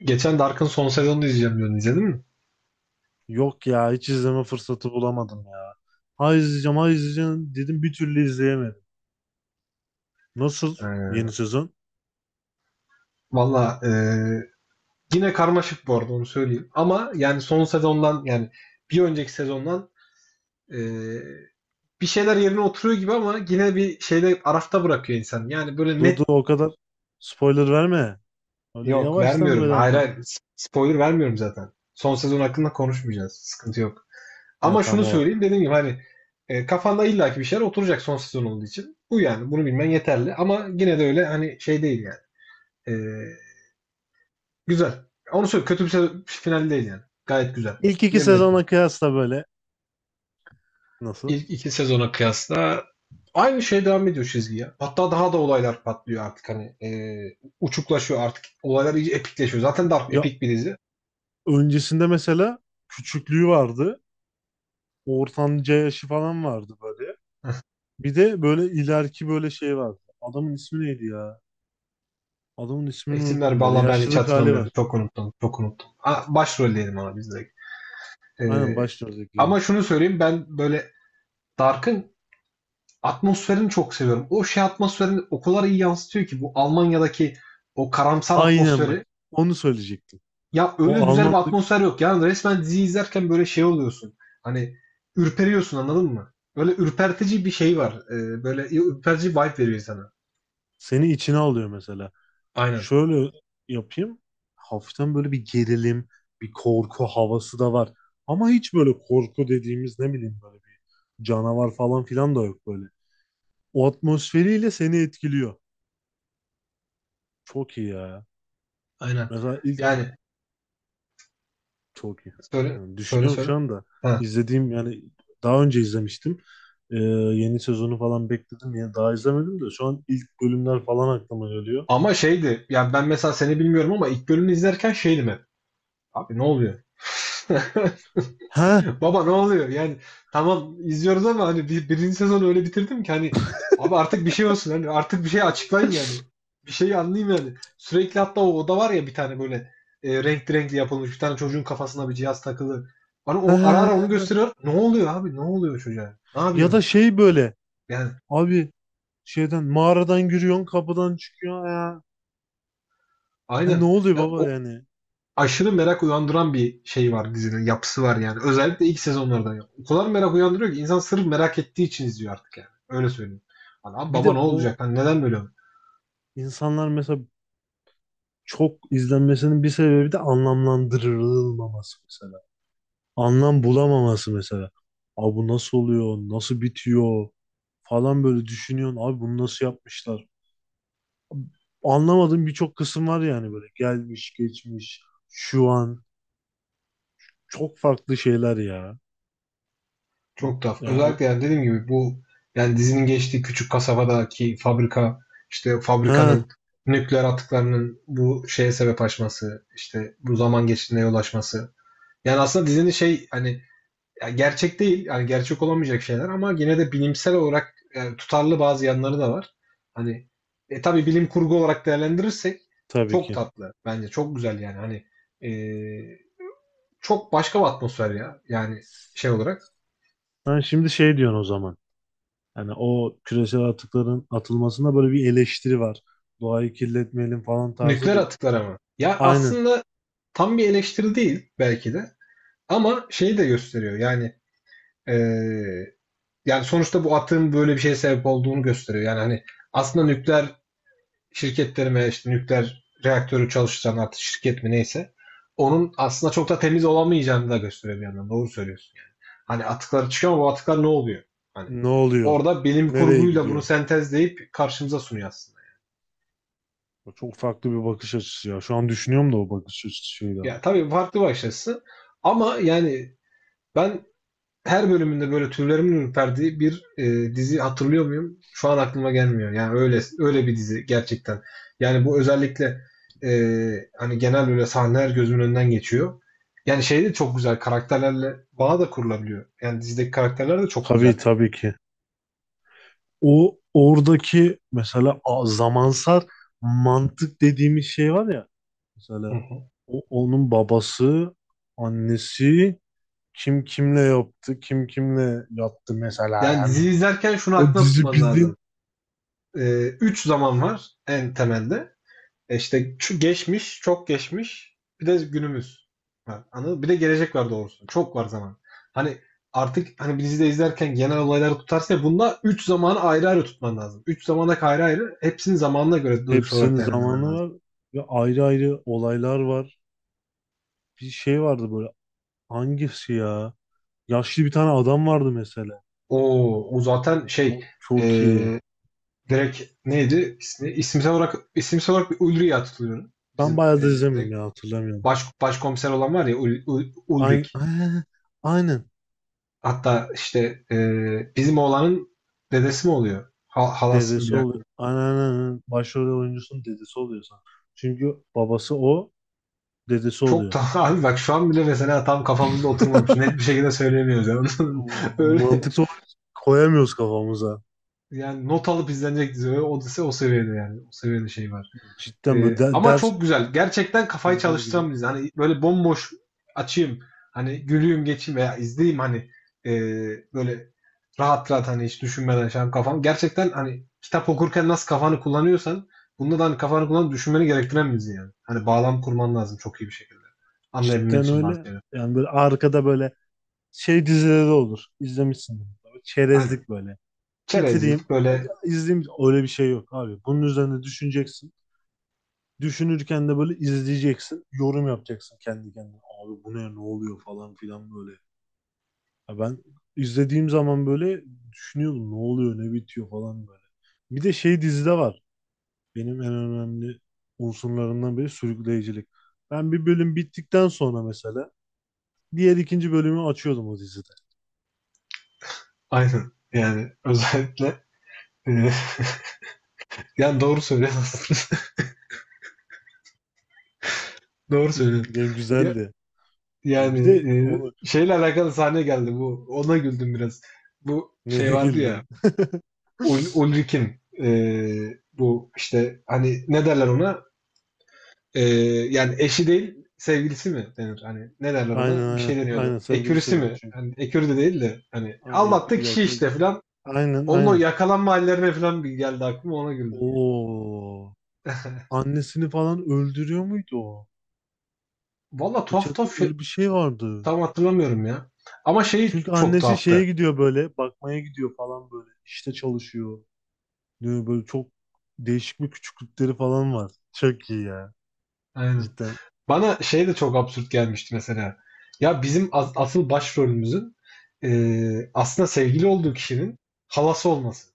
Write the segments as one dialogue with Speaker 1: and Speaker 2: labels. Speaker 1: Geçen Dark'ın son sezonunu izleyeceğim diyordun. İzledin mi?
Speaker 2: Yok ya, hiç izleme fırsatı bulamadım ya. Ha izleyeceğim ha izleyeceğim dedim, bir türlü izleyemedim. Nasıl
Speaker 1: Ee,
Speaker 2: yeni sezon?
Speaker 1: Valla, yine karmaşık bu arada onu söyleyeyim. Ama yani son sezondan yani bir önceki sezondan e, bir şeyler yerine oturuyor gibi ama yine bir şeyde arafta bırakıyor insan. Yani böyle
Speaker 2: Dur dur,
Speaker 1: net
Speaker 2: o kadar spoiler verme. Öyle
Speaker 1: yok
Speaker 2: yavaştan
Speaker 1: vermiyorum.
Speaker 2: böyle
Speaker 1: Hayır
Speaker 2: anlat.
Speaker 1: hayır spoiler vermiyorum zaten. Son sezon hakkında konuşmayacağız. Sıkıntı yok.
Speaker 2: Ha
Speaker 1: Ama
Speaker 2: tamam
Speaker 1: şunu
Speaker 2: o.
Speaker 1: söyleyeyim dediğim gibi hani kafanda illaki bir şeyler oturacak son sezon olduğu için. Bu yani bunu bilmen yeterli. Ama yine de öyle hani şey değil yani. E, Güzel. Onu söyle final değil yani. Gayet güzel.
Speaker 2: İlk iki
Speaker 1: Yerinde bir final.
Speaker 2: sezona kıyasla böyle nasıl?
Speaker 1: İlk iki sezona kıyasla aynı şey devam ediyor çizgi ya. Hatta daha da olaylar patlıyor artık hani uçuklaşıyor artık. Olaylar iyice epikleşiyor. Zaten Dark
Speaker 2: Ya
Speaker 1: epik bir dizi.
Speaker 2: öncesinde mesela küçüklüğü vardı. Ortanca yaşı falan vardı böyle. Bir de böyle ileriki böyle şey vardı. Adamın ismi neydi ya? Adamın ismini
Speaker 1: İsimler
Speaker 2: unuttum böyle.
Speaker 1: valla ben hiç
Speaker 2: Yaşlılık hali var.
Speaker 1: hatırlamıyorum. Çok unuttum. Çok unuttum. Ha, başrol diyelim ona biz direkt. E,
Speaker 2: Aynen başlıyorduk.
Speaker 1: ama şunu söyleyeyim ben böyle Dark'ın atmosferini çok seviyorum. O şey atmosferini o kadar iyi yansıtıyor ki bu Almanya'daki o karamsar
Speaker 2: Aynen bak.
Speaker 1: atmosferi.
Speaker 2: Onu söyleyecektim.
Speaker 1: Ya öyle
Speaker 2: O
Speaker 1: güzel bir
Speaker 2: Almanlık
Speaker 1: atmosfer yok. Yani resmen dizi izlerken böyle şey oluyorsun. Hani ürperiyorsun anladın mı? Böyle ürpertici bir şey var. Böyle ürpertici vibe veriyor sana.
Speaker 2: seni içine alıyor mesela.
Speaker 1: Aynen.
Speaker 2: Şöyle yapayım. Hafiften böyle bir gerilim, bir korku havası da var. Ama hiç böyle korku dediğimiz ne bileyim böyle bir canavar falan filan da yok böyle. O atmosferiyle seni etkiliyor. Çok iyi ya.
Speaker 1: Aynen.
Speaker 2: Mesela ilk
Speaker 1: Yani
Speaker 2: çok iyi.
Speaker 1: söyle
Speaker 2: Yani
Speaker 1: söyle
Speaker 2: düşünüyorum
Speaker 1: söyle.
Speaker 2: şu anda.
Speaker 1: Ha.
Speaker 2: İzlediğim yani daha önce izlemiştim. Ee, Yeni sezonu falan bekledim. Yani daha izlemedim de şu an ilk bölümler falan aklıma geliyor.
Speaker 1: Ama şeydi. Yani ben mesela seni bilmiyorum ama ilk bölümü izlerken şeydim hep. Abi ne oluyor?
Speaker 2: He,
Speaker 1: Baba ne oluyor? Yani tamam izliyoruz ama hani birinci sezonu öyle bitirdim ki hani abi artık bir şey olsun hani artık bir şey açıklayın yani. Bir şeyi anlayayım yani. Sürekli hatta o oda var ya bir tane böyle renkli renkli yapılmış bir tane çocuğun kafasına bir cihaz takılı. Bana o, ara ara onu
Speaker 2: he.
Speaker 1: gösteriyor. Ne oluyor abi? Ne oluyor çocuğa? Ne
Speaker 2: Ya da
Speaker 1: yapıyorsunuz?
Speaker 2: şey böyle.
Speaker 1: Yani
Speaker 2: Abi şeyden mağaradan giriyorsun, kapıdan çıkıyor ya. Ya ne
Speaker 1: aynen.
Speaker 2: oluyor
Speaker 1: Ya,
Speaker 2: baba
Speaker 1: o
Speaker 2: yani?
Speaker 1: aşırı merak uyandıran bir şey var dizinin yapısı var yani. Özellikle ilk sezonlardan. Ya. O kadar merak uyandırıyor ki insan sırf merak ettiği için izliyor artık yani. Öyle söyleyeyim. Hani abi
Speaker 2: Bir
Speaker 1: baba
Speaker 2: de
Speaker 1: ne
Speaker 2: o
Speaker 1: olacak? Hani neden böyle?
Speaker 2: insanlar mesela çok izlenmesinin bir sebebi de anlamlandırılmaması mesela. Anlam bulamaması mesela. Abi bu nasıl oluyor? Nasıl bitiyor? Falan böyle düşünüyorsun. Abi bunu nasıl yapmışlar? Anlamadığım birçok kısım var yani böyle. Gelmiş, geçmiş, şu an. Çok farklı şeyler ya.
Speaker 1: Çok tuhaf.
Speaker 2: Ya
Speaker 1: Özellikle
Speaker 2: o...
Speaker 1: yani dediğim gibi bu yani dizinin geçtiği küçük kasabadaki fabrika işte
Speaker 2: Ha
Speaker 1: fabrikanın nükleer atıklarının bu şeye sebep açması işte bu zaman geçtiğine yol açması. Yani aslında dizinin şey hani ya gerçek değil, yani gerçek olamayacak şeyler ama yine de bilimsel olarak tutarlı bazı yanları da var. Hani tabii bilim kurgu olarak değerlendirirsek
Speaker 2: tabii
Speaker 1: çok
Speaker 2: ki.
Speaker 1: tatlı bence çok güzel yani hani e, çok başka bir atmosfer ya yani şey olarak
Speaker 2: Ben şimdi şey diyorsun o zaman. Yani o küresel atıkların atılmasında böyle bir eleştiri var. Doğayı kirletmeyelim falan tarzı
Speaker 1: nükleer
Speaker 2: bir.
Speaker 1: atıklar ama ya
Speaker 2: Aynen.
Speaker 1: aslında tam bir eleştiri değil belki de ama şeyi de gösteriyor yani e, yani sonuçta bu atığın böyle bir şeye sebep olduğunu gösteriyor yani hani aslında nükleer şirketlerime işte nükleer reaktörü çalıştıran artık şirket mi neyse onun aslında çok da temiz olamayacağını da gösteriyor bir yandan. Doğru söylüyorsun. Hani atıkları çıkıyor ama bu atıklar ne oluyor? Hani
Speaker 2: Ne oluyor?
Speaker 1: orada bilim
Speaker 2: Nereye
Speaker 1: kurguyla bunu
Speaker 2: gidiyor?
Speaker 1: sentezleyip karşımıza sunuyor aslında.
Speaker 2: O çok farklı bir bakış açısı ya. Şu an düşünüyorum da o bakış açısıyla.
Speaker 1: Ya tabii farklı bir açısı ama yani ben her bölümünde böyle tüylerimin ürperdiği bir dizi hatırlıyor muyum? Şu an aklıma gelmiyor. Yani öyle öyle bir dizi gerçekten. Yani bu özellikle e, hani genel böyle sahneler gözümün önünden geçiyor. Yani şey de çok güzel. Karakterlerle bağ da kurulabiliyor. Yani dizideki karakterler de çok güzel.
Speaker 2: Tabii, tabii ki. O oradaki mesela zamansal mantık dediğimiz şey var ya.
Speaker 1: Hı
Speaker 2: Mesela
Speaker 1: hı.
Speaker 2: onun babası, annesi kim kimle yaptı, kim kimle yattı mesela
Speaker 1: Yani
Speaker 2: yani.
Speaker 1: dizi izlerken şunu
Speaker 2: O
Speaker 1: aklına
Speaker 2: dizi
Speaker 1: tutman lazım.
Speaker 2: bildiğin.
Speaker 1: Üç zaman var en temelde. E işte şu geçmiş, çok geçmiş, bir de günümüz var. Anladın mı? Bir de gelecek var doğrusu. Çok var zaman. Hani artık hani bir dizide izlerken genel olayları tutarsa ya, bunda 3 zamanı ayrı ayrı tutman lazım. Üç zamana ayrı ayrı hepsinin zamanına göre duygusal
Speaker 2: Hepsinin
Speaker 1: olarak değerlendirmen
Speaker 2: zamanı
Speaker 1: lazım.
Speaker 2: var ve ayrı ayrı olaylar var. Bir şey vardı böyle, hangisi ya? Yaşlı bir tane adam vardı mesela.
Speaker 1: Oo, o zaten
Speaker 2: O
Speaker 1: şey e,
Speaker 2: çok iyi.
Speaker 1: direkt neydi ismi? İsimsel olarak bir Ulrich'e tutuluyorum.
Speaker 2: Ben
Speaker 1: Bizim
Speaker 2: bayağı da izlemiyorum
Speaker 1: direkt
Speaker 2: ya, hatırlamıyorum.
Speaker 1: baş, başkomiser olan var ya
Speaker 2: Aynen.
Speaker 1: Ulrich.
Speaker 2: Aynen.
Speaker 1: Hatta işte bizim oğlanın dedesi mi oluyor? Halası mı bir
Speaker 2: Dedesi
Speaker 1: dakika.
Speaker 2: oluyor. Aynen, aynen, aynen. Başrol oyuncusunun dedesi oluyor sanırım. Çünkü dedesi
Speaker 1: Çok
Speaker 2: oluyor.
Speaker 1: da abi bak şu an bile mesela tam kafamızda oturmamış. Net bir şekilde söyleyemiyoruz yani. Öyle
Speaker 2: Mantıksal olarak koyamıyoruz kafamıza.
Speaker 1: yani not alıp izlenecek dizi. Öyle, o, o seviyede yani. O seviyede şey var.
Speaker 2: Cidden böyle
Speaker 1: Ama
Speaker 2: ders
Speaker 1: çok güzel. Gerçekten
Speaker 2: şey
Speaker 1: kafayı
Speaker 2: yapar gibi.
Speaker 1: çalıştıran bir dizi. Hani böyle bomboş açayım. Hani gülüyüm geçeyim veya izleyeyim hani ee, böyle rahat rahat hani hiç düşünmeden şey yapayım kafam. Gerçekten hani kitap okurken nasıl kafanı kullanıyorsan bunda da hani kafanı kullanıp düşünmeni gerektiren bir dizi yani. Hani bağlam kurman lazım çok iyi bir şekilde. Anlayabilmen
Speaker 2: Cidden
Speaker 1: için bazı
Speaker 2: öyle.
Speaker 1: şeyler.
Speaker 2: Yani böyle arkada böyle şey dizileri olur. İzlemişsin.
Speaker 1: Aynen.
Speaker 2: Çerezlik böyle. Bitireyim,
Speaker 1: Çerezlik böyle
Speaker 2: izleyeyim. Öyle bir şey yok abi. Bunun üzerine düşüneceksin. Düşünürken de böyle izleyeceksin. Yorum yapacaksın kendi kendine. Abi bu ne oluyor falan filan böyle. Ya ben izlediğim zaman böyle düşünüyordum. Ne oluyor ne bitiyor falan böyle. Bir de şey dizide var. Benim en önemli unsurlarından biri sürükleyicilik. Ben bir bölüm bittikten sonra mesela diğer ikinci bölümü açıyordum o dizide.
Speaker 1: aynen yani özellikle ee, yani doğru söylüyorsun. Doğru söylüyorsun.
Speaker 2: Yani
Speaker 1: Ya
Speaker 2: güzeldi. Bir
Speaker 1: yani,
Speaker 2: de onu
Speaker 1: şeyle alakalı sahne geldi bu. Ona güldüm biraz. Bu şey
Speaker 2: neye
Speaker 1: vardı ya
Speaker 2: güldün?
Speaker 1: Ulrik'in bu işte hani ne derler ona? Yani eşi değil sevgilisi mi denir? Hani ne derler
Speaker 2: Aynen,
Speaker 1: ona? Bir
Speaker 2: aynen.
Speaker 1: şey deniyordu.
Speaker 2: Aynen sevgilisi
Speaker 1: Ekürüsü
Speaker 2: de
Speaker 1: mi?
Speaker 2: çünkü.
Speaker 1: Hani ekürü de değil de hani
Speaker 2: Ay,
Speaker 1: aldattı kişi
Speaker 2: yok,
Speaker 1: işte
Speaker 2: yok.
Speaker 1: filan.
Speaker 2: Aynen,
Speaker 1: Onun o
Speaker 2: aynen.
Speaker 1: yakalanma hallerine falan bir geldi aklıma ona güldüm.
Speaker 2: Oo. Annesini falan öldürüyor muydu o?
Speaker 1: Valla tuhaf
Speaker 2: Bıçaklı
Speaker 1: tuhaf şey
Speaker 2: öyle bir şey vardı.
Speaker 1: tam hatırlamıyorum ya. Ama şeyi
Speaker 2: Çünkü
Speaker 1: çok
Speaker 2: annesi şeye
Speaker 1: tuhaftı.
Speaker 2: gidiyor, böyle bakmaya gidiyor falan böyle. İşte çalışıyor. Diyor, böyle çok değişik bir küçüklükleri falan var. Çok iyi ya
Speaker 1: Aynen.
Speaker 2: cidden.
Speaker 1: Bana şey de çok absürt gelmişti mesela. Ya bizim asıl başrolümüzün aslında sevgili olduğu kişinin halası olması.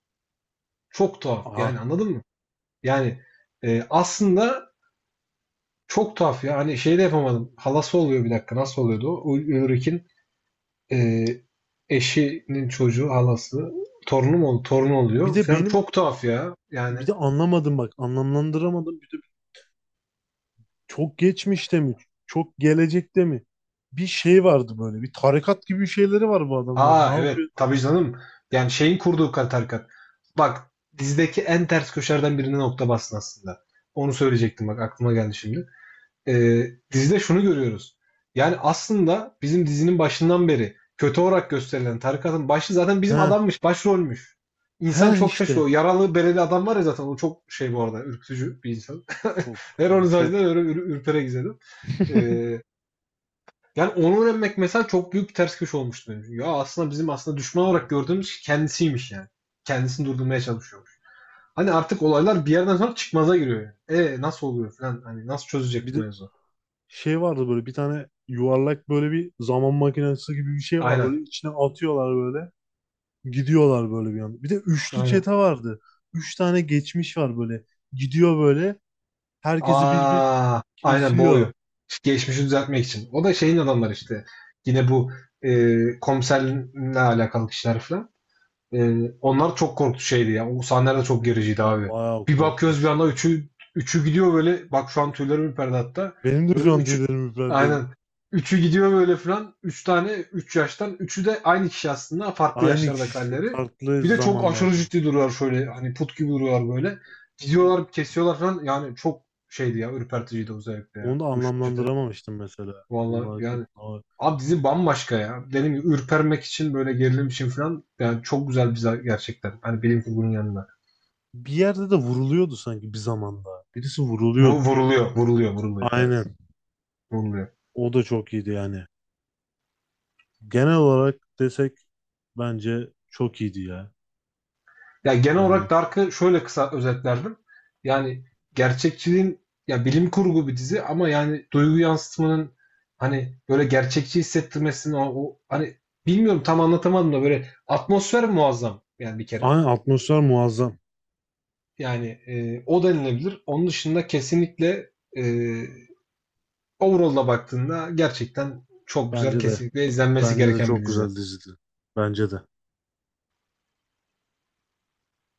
Speaker 1: Çok tuhaf.
Speaker 2: Aha.
Speaker 1: Yani anladın mı? Yani aslında çok tuhaf ya. Hani şey de yapamadım. Halası oluyor bir dakika. Nasıl oluyordu o? Ulrich'in eee, eşinin çocuğu halası. Torunu mu? Torunu
Speaker 2: Bir
Speaker 1: oluyor.
Speaker 2: de
Speaker 1: Falan
Speaker 2: benim
Speaker 1: çok tuhaf ya. Yani
Speaker 2: bir de anlamadım bak, anlamlandıramadım. Bir de çok geçmişte mi? Çok gelecekte mi? Bir şey vardı böyle. Bir tarikat gibi bir şeyleri var bu adamlar.
Speaker 1: aa
Speaker 2: Ne
Speaker 1: evet
Speaker 2: yapıyor?
Speaker 1: tabii canım. Yani şeyin kurduğu tarikat. Bak dizideki en ters köşelerden birine nokta bastın aslında. Onu söyleyecektim bak aklıma geldi şimdi. Ee, dizide şunu görüyoruz. Yani aslında bizim dizinin başından beri kötü olarak gösterilen tarikatın başı zaten bizim
Speaker 2: He,
Speaker 1: adammış, başrolmüş. İnsan
Speaker 2: he
Speaker 1: çok şaşırıyor.
Speaker 2: işte.
Speaker 1: Yaralı bereli adam var ya zaten o çok şey bu arada ürkütücü bir insan.
Speaker 2: Çok,
Speaker 1: Her onun
Speaker 2: yani çok.
Speaker 1: sayesinde öyle ürpere izledim. Ee, yani onu öğrenmek mesela çok büyük bir ters köşe olmuştu benim için. Ya aslında bizim düşman olarak gördüğümüz kendisiymiş yani. Kendisini durdurmaya çalışıyormuş. Hani artık olaylar bir yerden sonra çıkmaza giriyor yani. E nasıl oluyor falan hani nasıl çözecek
Speaker 2: Bir de
Speaker 1: bu mevzu?
Speaker 2: şey vardı böyle, bir tane yuvarlak böyle bir zaman makinesi gibi bir şey var
Speaker 1: Aynen.
Speaker 2: böyle, içine atıyorlar böyle. Gidiyorlar böyle bir anda. Bir de üçlü
Speaker 1: Aynen.
Speaker 2: çete vardı. Üç tane geçmiş var böyle. Gidiyor böyle. Herkesi bir bir
Speaker 1: Aa, aynen
Speaker 2: kesiyor.
Speaker 1: boğuyor. Geçmişi düzeltmek için. O da şeyin adamları işte. Yine bu komiserle alakalı kişiler falan. Onlar çok korktu şeydi ya. O sahneler de çok
Speaker 2: Benim
Speaker 1: gericiydi
Speaker 2: ben
Speaker 1: abi.
Speaker 2: bayağı
Speaker 1: Bir bakıyoruz bir anda
Speaker 2: korkmuştum.
Speaker 1: üçü gidiyor böyle. Bak şu an tüylerim ürperdi hatta.
Speaker 2: Benim de
Speaker 1: Böyle
Speaker 2: şu an
Speaker 1: üçü
Speaker 2: tüylerim ürperdi.
Speaker 1: aynen. Üçü gidiyor böyle falan. Üç tane üç yaştan. Üçü de aynı kişi aslında. Farklı
Speaker 2: Aynı
Speaker 1: yaşlarda
Speaker 2: kişi
Speaker 1: kalleri.
Speaker 2: farklı
Speaker 1: Bir de çok aşırı
Speaker 2: zamanlarda.
Speaker 1: ciddi duruyorlar şöyle. Hani put gibi duruyorlar böyle. Gidiyorlar kesiyorlar falan. Yani çok şeydi ya. Ürperticiydi özellikle ya.
Speaker 2: Onu da
Speaker 1: O şişete.
Speaker 2: anlamlandıramamıştım mesela.
Speaker 1: Vallahi
Speaker 2: Bunlar kim?
Speaker 1: yani
Speaker 2: Aa,
Speaker 1: abi dizi bambaşka ya. Dediğim gibi ürpermek için böyle gerilim için falan yani çok güzel bir gerçekten. Hani bilim kurgunun yanında.
Speaker 2: bir yerde de vuruluyordu sanki bir zamanda. Birisi vuruluyordu.
Speaker 1: Vuruluyor, vuruluyor, vuruluyor. Evet,
Speaker 2: Aynen.
Speaker 1: vuruluyor.
Speaker 2: O da çok iyiydi yani. Genel olarak desek bence çok iyiydi ya.
Speaker 1: Ya genel olarak
Speaker 2: Yani
Speaker 1: Dark'ı şöyle kısa özetlerdim. Yani gerçekçiliğin ya bilim kurgu bir dizi ama yani duygu yansıtmanın hani böyle gerçekçi hissettirmesinin o, hani bilmiyorum tam anlatamadım da böyle atmosfer muazzam yani bir kere.
Speaker 2: aynı atmosfer muazzam.
Speaker 1: Yani o denilebilir. Onun dışında kesinlikle e, Overall'a baktığında gerçekten çok güzel,
Speaker 2: Bence de.
Speaker 1: kesinlikle izlenmesi
Speaker 2: Bence de
Speaker 1: gereken bir
Speaker 2: çok
Speaker 1: dizi.
Speaker 2: güzel dizidi. Bence de.